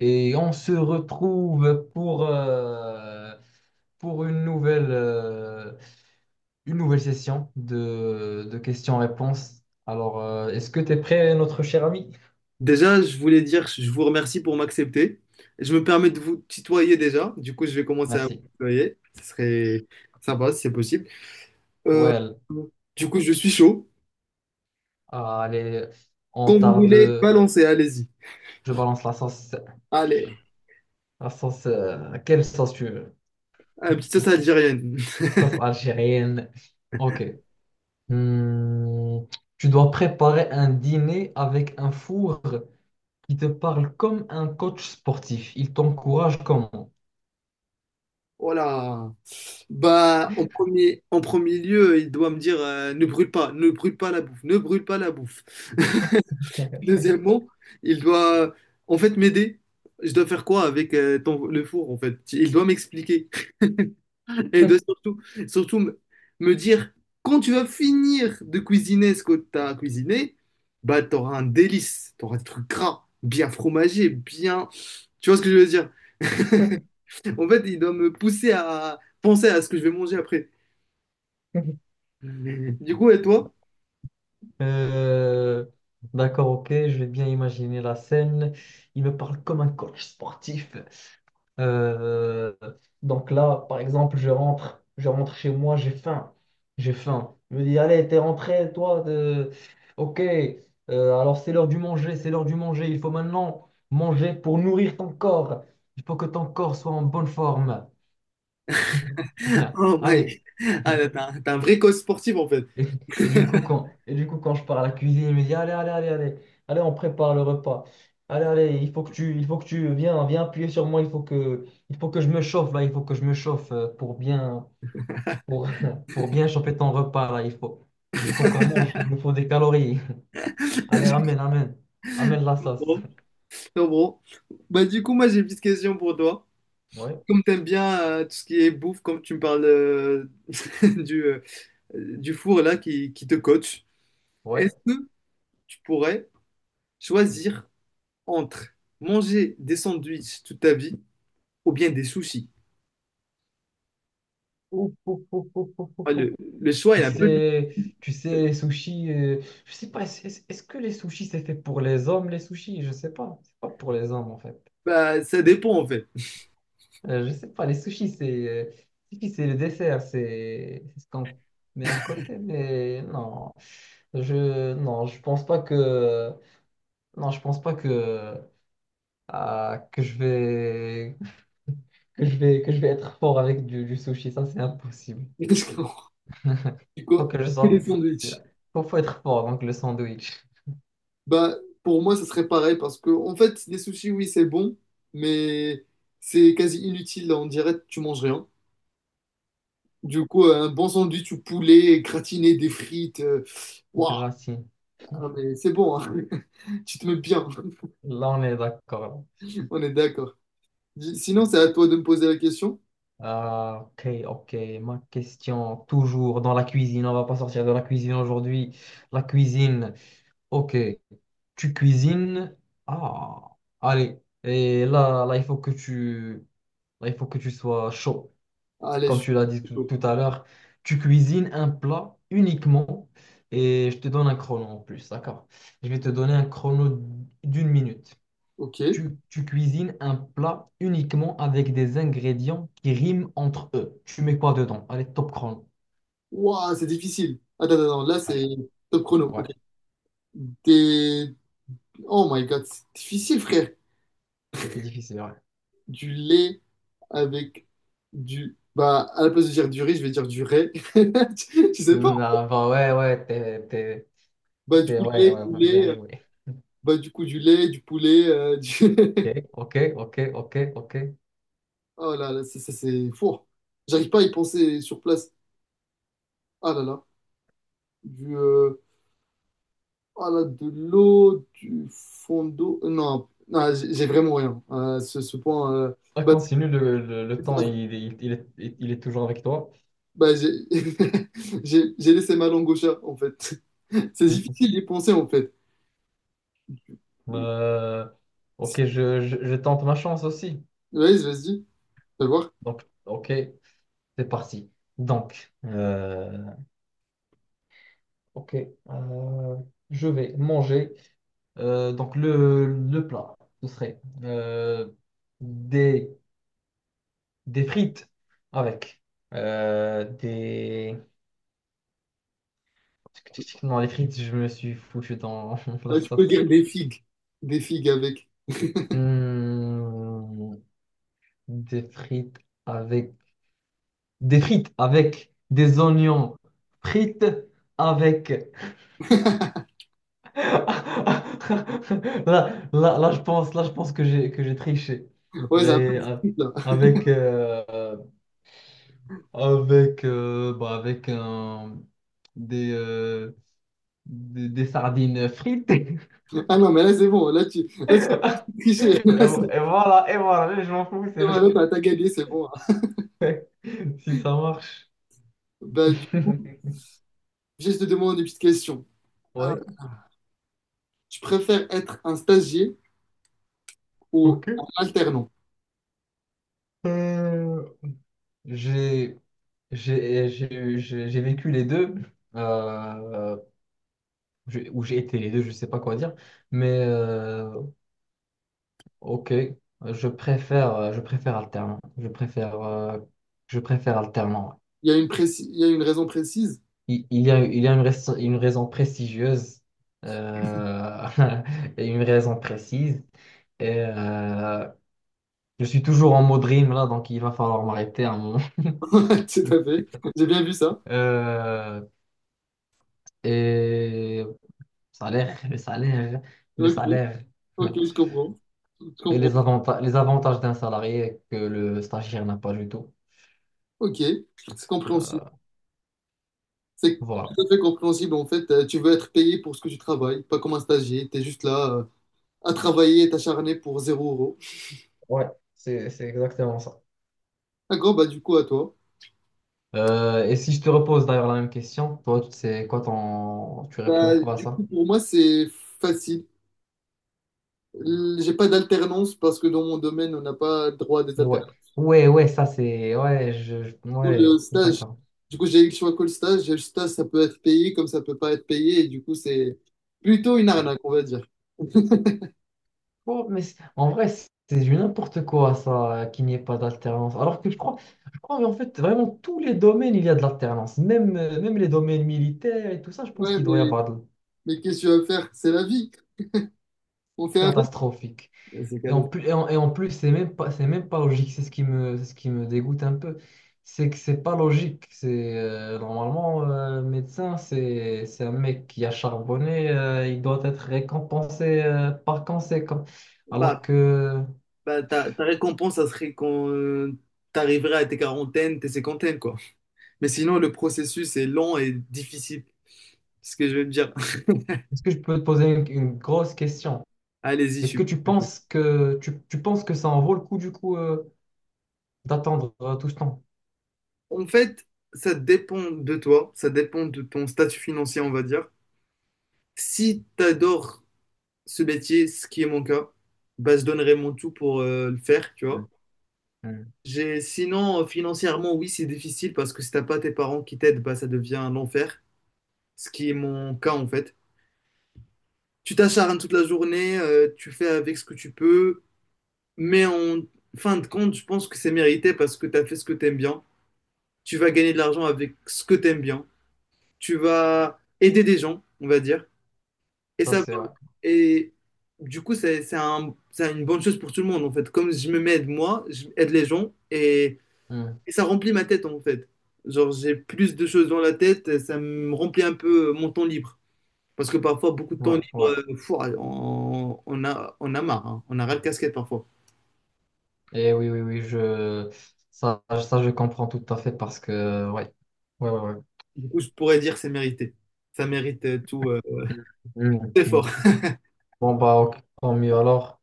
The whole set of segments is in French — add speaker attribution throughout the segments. Speaker 1: Et on se retrouve pour une une nouvelle session de questions-réponses. Est-ce que tu es prêt, notre cher ami?
Speaker 2: Déjà, je voulais dire, je vous remercie pour m'accepter. Je me permets de vous tutoyer déjà. Du coup, je vais commencer à
Speaker 1: Merci.
Speaker 2: vous tutoyer. Ce serait sympa si c'est possible. Euh,
Speaker 1: Well,
Speaker 2: du coup, je suis chaud.
Speaker 1: allez, on
Speaker 2: Quand vous voulez,
Speaker 1: tarde.
Speaker 2: balancez, allez-y.
Speaker 1: Je balance la sauce.
Speaker 2: Allez,
Speaker 1: La quelle sauce tu veux?
Speaker 2: un petit sauce algérienne.
Speaker 1: Sauce algérienne. Ok. Hmm. Tu dois préparer un dîner avec un four qui te parle comme un coach sportif. Il t'encourage comment?
Speaker 2: Voilà. Bah, en premier lieu, il doit me dire ne brûle pas, ne brûle pas la bouffe, ne brûle pas la bouffe. Deuxièmement, il doit en fait m'aider. Je dois faire quoi avec le four en fait? Il doit m'expliquer. Et de surtout, surtout me dire, quand tu vas finir de cuisiner ce que tu as cuisiné, bah, tu auras un délice, tu auras des trucs gras, bien fromagés, bien... Tu vois ce que je veux dire? En fait, il doit me pousser à penser à ce que je vais manger après. Du coup, et toi?
Speaker 1: Euh, d'accord, ok, je vais bien imaginer la scène. Il me parle comme un coach sportif. Euh, donc là, par exemple, je rentre chez moi, j'ai faim. J'ai faim. Je me dis, allez, t'es rentré, toi, de... ok, alors c'est l'heure du manger, c'est l'heure du manger. Il faut maintenant manger pour nourrir ton corps. Il faut que ton corps soit en bonne forme.
Speaker 2: Oh my...
Speaker 1: Allez.
Speaker 2: Ah, là, t'es un vrai coach sportif, en fait.
Speaker 1: Et, et du coup, et du coup, quand je pars à la cuisine, il me dit, allez, allez, allez, allez, allez, on prépare le repas. Allez, allez, il faut que il faut que tu viens, viens appuyer sur moi, il faut que je me chauffe, il faut que je me chauffe, pour bien, pour, pour bien chauffer ton repas, là, il faut qu'on mange, il nous faut des calories. Allez,
Speaker 2: Je
Speaker 1: amène, amène la sauce.
Speaker 2: comprends, je comprends. Bah, du coup, moi, j'ai une petite question pour toi.
Speaker 1: Ouais,
Speaker 2: Comme t'aimes bien tout ce qui est bouffe, comme tu me parles du, euh, Dufour là qui te coach. Est-ce
Speaker 1: ouais.
Speaker 2: que tu pourrais choisir entre manger des sandwichs toute ta vie ou bien des sushis?
Speaker 1: Ouf, ouf, ouf, ouf, ouf, ouf,
Speaker 2: Ah,
Speaker 1: ouf.
Speaker 2: Le, le choix est un peu difficile.
Speaker 1: Tu sais, je sais pas, est-ce que les sushis c'est fait pour les hommes, les sushis? Je sais pas, c'est pas pour les hommes en fait.
Speaker 2: Bah, ça dépend en fait.
Speaker 1: Je sais pas, les sushis c'est sushi, c'est le dessert, c'est ce qu'on met à côté, mais non, je non, je pense pas que, non, je pense pas que, que je vais que je vais être fort avec du sushi, ça c'est impossible.
Speaker 2: Je comprends. C'est
Speaker 1: Faut
Speaker 2: quoi?
Speaker 1: que je
Speaker 2: Que
Speaker 1: sois,
Speaker 2: des
Speaker 1: c'est-
Speaker 2: sandwichs.
Speaker 1: faut être fort donc le sandwich.
Speaker 2: Bah, pour moi, ça serait pareil parce que, en fait, les sushis, oui, c'est bon, mais c'est quasi inutile. On dirait que tu manges rien. Du coup, un bon sandwich ou poulet gratiné, des frites, waouh,
Speaker 1: Gracine,
Speaker 2: ah, mais c'est bon, hein. Tu te mets bien.
Speaker 1: là on est d'accord.
Speaker 2: On est d'accord. Sinon, c'est à toi de me poser la question.
Speaker 1: Ah, ok, ok. Ma question, toujours dans la cuisine. On va pas sortir de la cuisine aujourd'hui. La cuisine, ok. Tu cuisines. Ah, allez. Et là, il faut que tu, il faut que tu sois chaud.
Speaker 2: Allez, je
Speaker 1: Comme tu l'as dit
Speaker 2: suis chaud.
Speaker 1: tout à l'heure, tu cuisines un plat uniquement et je te donne un chrono en plus, d'accord? Je vais te donner un chrono d'une minute.
Speaker 2: Ok.
Speaker 1: Tu cuisines un plat uniquement avec des ingrédients qui riment entre eux. Tu mets quoi dedans? Allez, top chrono.
Speaker 2: Waouh, c'est difficile. Attends, là, c'est
Speaker 1: Allez,
Speaker 2: top chrono.
Speaker 1: ouais,
Speaker 2: Ok. Des... Oh my God, c'est difficile, frère.
Speaker 1: c'est difficile, ouais.
Speaker 2: Du lait avec du... Bah, à la place de dire du riz, je vais dire du ray. Tu sais pas.
Speaker 1: Non, bah ouais, ouais,
Speaker 2: Bah, du coup, du
Speaker 1: ouais,
Speaker 2: lait,
Speaker 1: ouais, ouais,
Speaker 2: poulet.
Speaker 1: bien joué.
Speaker 2: Bah, du coup, du lait, du poulet.
Speaker 1: Ok, ok, ok, ok, ok.
Speaker 2: Oh là là, ça, c'est fou. J'arrive pas à y penser sur place. Ah là là. Du... euh, Voilà, de l'eau, du fond d'eau. Non, non, j'ai vraiment rien. À ce point,
Speaker 1: Ah,
Speaker 2: bah, c'est-
Speaker 1: continue, le temps, il est toujours avec toi.
Speaker 2: bah, j'ai j'ai laissé ma langue au chat, en fait. C'est difficile d'y penser, en fait. Oui,
Speaker 1: Euh, ok, je tente ma chance aussi.
Speaker 2: Vas-y, vas-y, vas voir.
Speaker 1: Donc, ok, c'est parti. Donc, ok, euh, je vais manger. Donc le plat, ce serait des, des frites avec des... Non, les frites, je me suis foutu dans la
Speaker 2: Ah, tu peux
Speaker 1: sauce là.
Speaker 2: dire des figues. Des figues avec.
Speaker 1: Hmm, des frites avec... Des frites avec des oignons frites avec Là, je pense, je pense que j'ai triché.
Speaker 2: Ouais, c'est un peu
Speaker 1: Mais
Speaker 2: difficile, là.
Speaker 1: avec euh, avec bah, avec des, euh, des sardines frites.
Speaker 2: Ah non, mais là, c'est bon. Là, tu triché.
Speaker 1: Et voilà, je m'en fous, c'est
Speaker 2: Voilà, t'as gagné, c'est bon, hein.
Speaker 1: si ça marche.
Speaker 2: Bah, du coup, je te demande une petite question. Ah,
Speaker 1: Ouais,
Speaker 2: tu préfères être un stagiaire ou
Speaker 1: ok.
Speaker 2: en alternant.
Speaker 1: Euh, j'ai j'ai vécu les deux, euh, ou j'ai été les deux, je sais pas quoi dire, mais ok, je préfère alternant. Je préfère alternant.
Speaker 2: Il y a il y a une raison précise.
Speaker 1: Il y a une raison prestigieuse euh, et une raison précise. Et je suis toujours en mode rime là, donc il va falloir m'arrêter un moment.
Speaker 2: Tout à fait. J'ai bien vu ça.
Speaker 1: Euh, et salaire, le
Speaker 2: Ok,
Speaker 1: salaire.
Speaker 2: ok, Je
Speaker 1: Et
Speaker 2: comprends.
Speaker 1: les avantages d'un salarié que le stagiaire n'a pas du tout.
Speaker 2: Ok, c'est compréhensible.
Speaker 1: Euh,
Speaker 2: C'est tout
Speaker 1: voilà.
Speaker 2: à fait compréhensible. En fait, tu veux être payé pour ce que tu travailles, pas comme un stagiaire. Tu es juste là à travailler et t'acharner pour zéro euro.
Speaker 1: Ouais, c'est exactement ça.
Speaker 2: D'accord, bah du coup, à toi.
Speaker 1: Et si je te repose d'ailleurs la même question, toi, c'est quoi ton... Tu réponds
Speaker 2: Bah,
Speaker 1: quoi à
Speaker 2: du
Speaker 1: ça?
Speaker 2: coup, pour moi, c'est facile. J'ai pas d'alternance parce que dans mon domaine, on n'a pas droit à des
Speaker 1: Ouais.
Speaker 2: alternances.
Speaker 1: Ouais, ça c'est... Ouais,
Speaker 2: Cool
Speaker 1: ouais,
Speaker 2: stage.
Speaker 1: d'accord.
Speaker 2: Du coup, j'ai eu le choix que le stage. Et le stage, ça peut être payé comme ça peut pas être payé. Et du coup, c'est plutôt une arnaque, on va dire.
Speaker 1: Oh, mais en vrai, c'est du n'importe quoi ça, qu'il n'y ait pas d'alternance. Alors que je crois mais en fait, vraiment, tous les domaines, il y a de l'alternance. Même, même les domaines militaires et tout ça, je pense
Speaker 2: Ouais,
Speaker 1: qu'il doit y
Speaker 2: mais,
Speaker 1: avoir de...
Speaker 2: mais qu'est-ce que tu vas faire? C'est la vie. On fait avec.
Speaker 1: catastrophique.
Speaker 2: C'est
Speaker 1: Et en
Speaker 2: cadeau.
Speaker 1: plus, et en plus, c'est même pas logique. C'est ce qui me dégoûte un peu. C'est que c'est pas logique. C'est normalement médecin, c'est un mec qui a charbonné. Il doit être récompensé par conséquent.
Speaker 2: Bah,
Speaker 1: Alors que,
Speaker 2: bah, ta récompense, ça serait quand t'arriverais à tes quarantaines, tes cinquantaines, quoi. Mais sinon, le processus est lent et difficile. C'est ce que je veux te dire.
Speaker 1: est-ce que je peux te poser une grosse question?
Speaker 2: Allez-y,
Speaker 1: Est-ce que
Speaker 2: super.
Speaker 1: tu penses que tu penses que ça en vaut le coup du coup d'attendre tout ce temps?
Speaker 2: En fait, ça dépend de toi, ça dépend de ton statut financier, on va dire. Si t'adores ce métier, ce qui est mon cas, bah, je donnerais mon tout pour le faire, tu
Speaker 1: Mm.
Speaker 2: vois.
Speaker 1: Mm.
Speaker 2: J'ai, sinon, financièrement, oui, c'est difficile parce que si t'as pas tes parents qui t'aident, bah, ça devient un enfer, ce qui est mon cas en fait. Tu t'acharnes toute la journée, tu fais avec ce que tu peux, mais en fin de compte, je pense que c'est mérité parce que t'as fait ce que t'aimes bien. Tu vas gagner de l'argent avec ce que t'aimes bien. Tu vas aider des gens, on va dire. Et
Speaker 1: Ça
Speaker 2: ça,
Speaker 1: c'est ouais.
Speaker 2: et du coup, c'est une bonne chose pour tout le monde, en fait. Comme je me m'aide moi, je aide les gens, et,
Speaker 1: Mm.
Speaker 2: et ça remplit ma tête, en fait. Genre, j'ai plus de choses dans la tête, ça me remplit un peu mon temps libre. Parce que parfois, beaucoup de temps
Speaker 1: Ouais,
Speaker 2: libre,
Speaker 1: ouais.
Speaker 2: fou, on a marre, hein. On a ras le casquette parfois.
Speaker 1: Et oui, oui, oui, je... Ça, je comprends tout à fait parce que, ouais. Ouais, ouais, ouais.
Speaker 2: Du coup, je pourrais dire que c'est mérité. Ça mérite tout
Speaker 1: Mm, mm,
Speaker 2: effort.
Speaker 1: mm. Bon, bah, ok, tant mieux alors.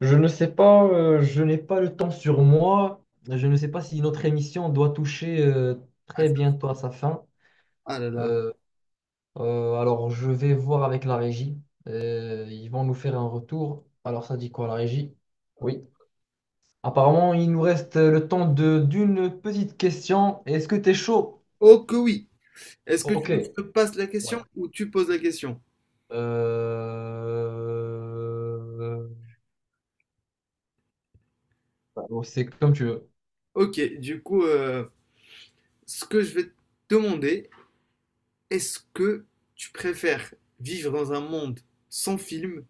Speaker 1: Je ne sais pas, je n'ai pas le temps sur moi. Je ne sais pas si notre émission doit toucher
Speaker 2: Ah,
Speaker 1: très
Speaker 2: ça-
Speaker 1: bientôt à sa fin.
Speaker 2: ah là là.
Speaker 1: Euh, alors, je vais voir avec la régie. Ils vont nous faire un retour. Alors, ça dit quoi, la régie? Oui. Apparemment, il nous reste le temps de d'une petite question. Est-ce que t'es chaud?
Speaker 2: Oh que oui. Est-ce que tu
Speaker 1: Ok.
Speaker 2: veux que je te passe la
Speaker 1: Ouais.
Speaker 2: question ou tu poses la question?
Speaker 1: Euh, bah, bon, c'est comme tu veux.
Speaker 2: Ok, du coup, ce que je vais te demander, est-ce que tu préfères vivre dans un monde sans film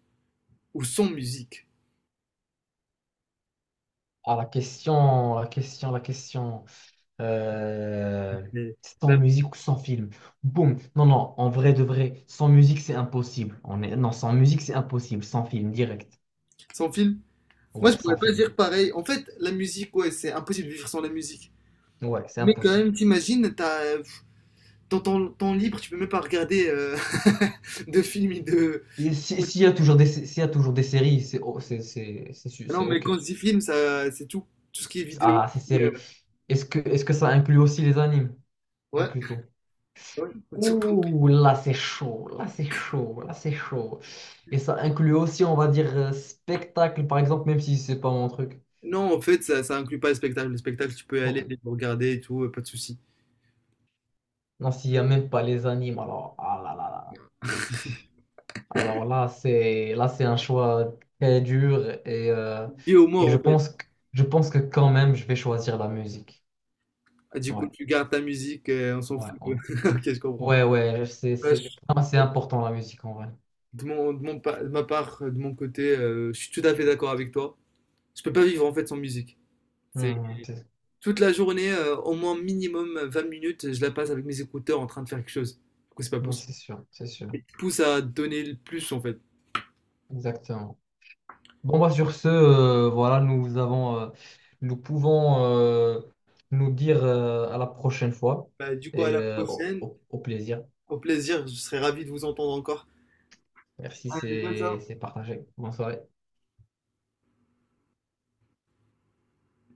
Speaker 2: ou sans musique?
Speaker 1: Ah, la question, la question, la question. Euh,
Speaker 2: Mais,
Speaker 1: Sans
Speaker 2: bah,
Speaker 1: musique ou sans film? Boum. Non, non, en vrai de vrai, sans musique, c'est impossible. On est... Non, sans musique, c'est impossible. Sans film, direct.
Speaker 2: Sans film? Moi,
Speaker 1: Ouais,
Speaker 2: je pourrais
Speaker 1: sans
Speaker 2: pas
Speaker 1: film.
Speaker 2: dire pareil. En fait, la musique, ouais, c'est impossible de vivre sans la musique.
Speaker 1: Ouais, c'est
Speaker 2: Mais quand
Speaker 1: impossible.
Speaker 2: même, t'imagines, dans ton temps libre, tu peux même pas regarder de films et de...
Speaker 1: Et s'il y a s'il y a toujours des séries, c'est o- c'est c'est su-
Speaker 2: Ah
Speaker 1: c'est
Speaker 2: non, mais
Speaker 1: ok.
Speaker 2: quand je dis film, ça, c'est tout. Tout ce qui est vidéo, tout
Speaker 1: Ah, ces
Speaker 2: ce qui est,
Speaker 1: séries. Est-ce que ça inclut aussi les animes? Pas
Speaker 2: Ouais,
Speaker 1: du tout.
Speaker 2: ouais, tout.
Speaker 1: Ouh, là c'est chaud, là c'est chaud, là c'est chaud. Et ça inclut aussi, on va dire, spectacle, par exemple, même si c'est pas mon truc.
Speaker 2: Non, en fait, ça inclut pas le spectacle. Le spectacle, tu peux aller
Speaker 1: Ok.
Speaker 2: le regarder et tout, pas de souci.
Speaker 1: Non, s'il n'y a même pas les animes, alors, ah là là là. Alors là, c'est un choix très dur et,
Speaker 2: Bio-mort
Speaker 1: je
Speaker 2: en fait.
Speaker 1: pense que je pense que quand même, je vais choisir la musique.
Speaker 2: Ah, du coup,
Speaker 1: Ouais,
Speaker 2: tu gardes ta musique, on s'en
Speaker 1: ouais,
Speaker 2: fout.
Speaker 1: ouais.
Speaker 2: Ok, je comprends.
Speaker 1: Ouais, ouais,
Speaker 2: Ouais,
Speaker 1: c'est
Speaker 2: je-
Speaker 1: ah, c'est important la musique en vrai.
Speaker 2: de de ma part, de mon côté, je suis tout à fait d'accord avec toi. Je peux pas vivre en fait sans musique. C'est
Speaker 1: Hmm, c'est-
Speaker 2: toute la journée, au moins minimum 20 minutes, je la passe avec mes écouteurs en train de faire quelque chose. Du coup, c'est pas
Speaker 1: Non,
Speaker 2: possible.
Speaker 1: c'est sûr,
Speaker 2: Et tu pousses à donner le plus en fait.
Speaker 1: exactement. Bon, bah, sur ce, voilà, nous avons, nous pouvons nous dire à la prochaine fois
Speaker 2: Bah, du coup, à
Speaker 1: et
Speaker 2: la prochaine.
Speaker 1: au plaisir.
Speaker 2: Au plaisir, je serai ravi de vous entendre encore.
Speaker 1: Merci,
Speaker 2: Allez, bonne soirée.
Speaker 1: c'est partagé. Bonne soirée.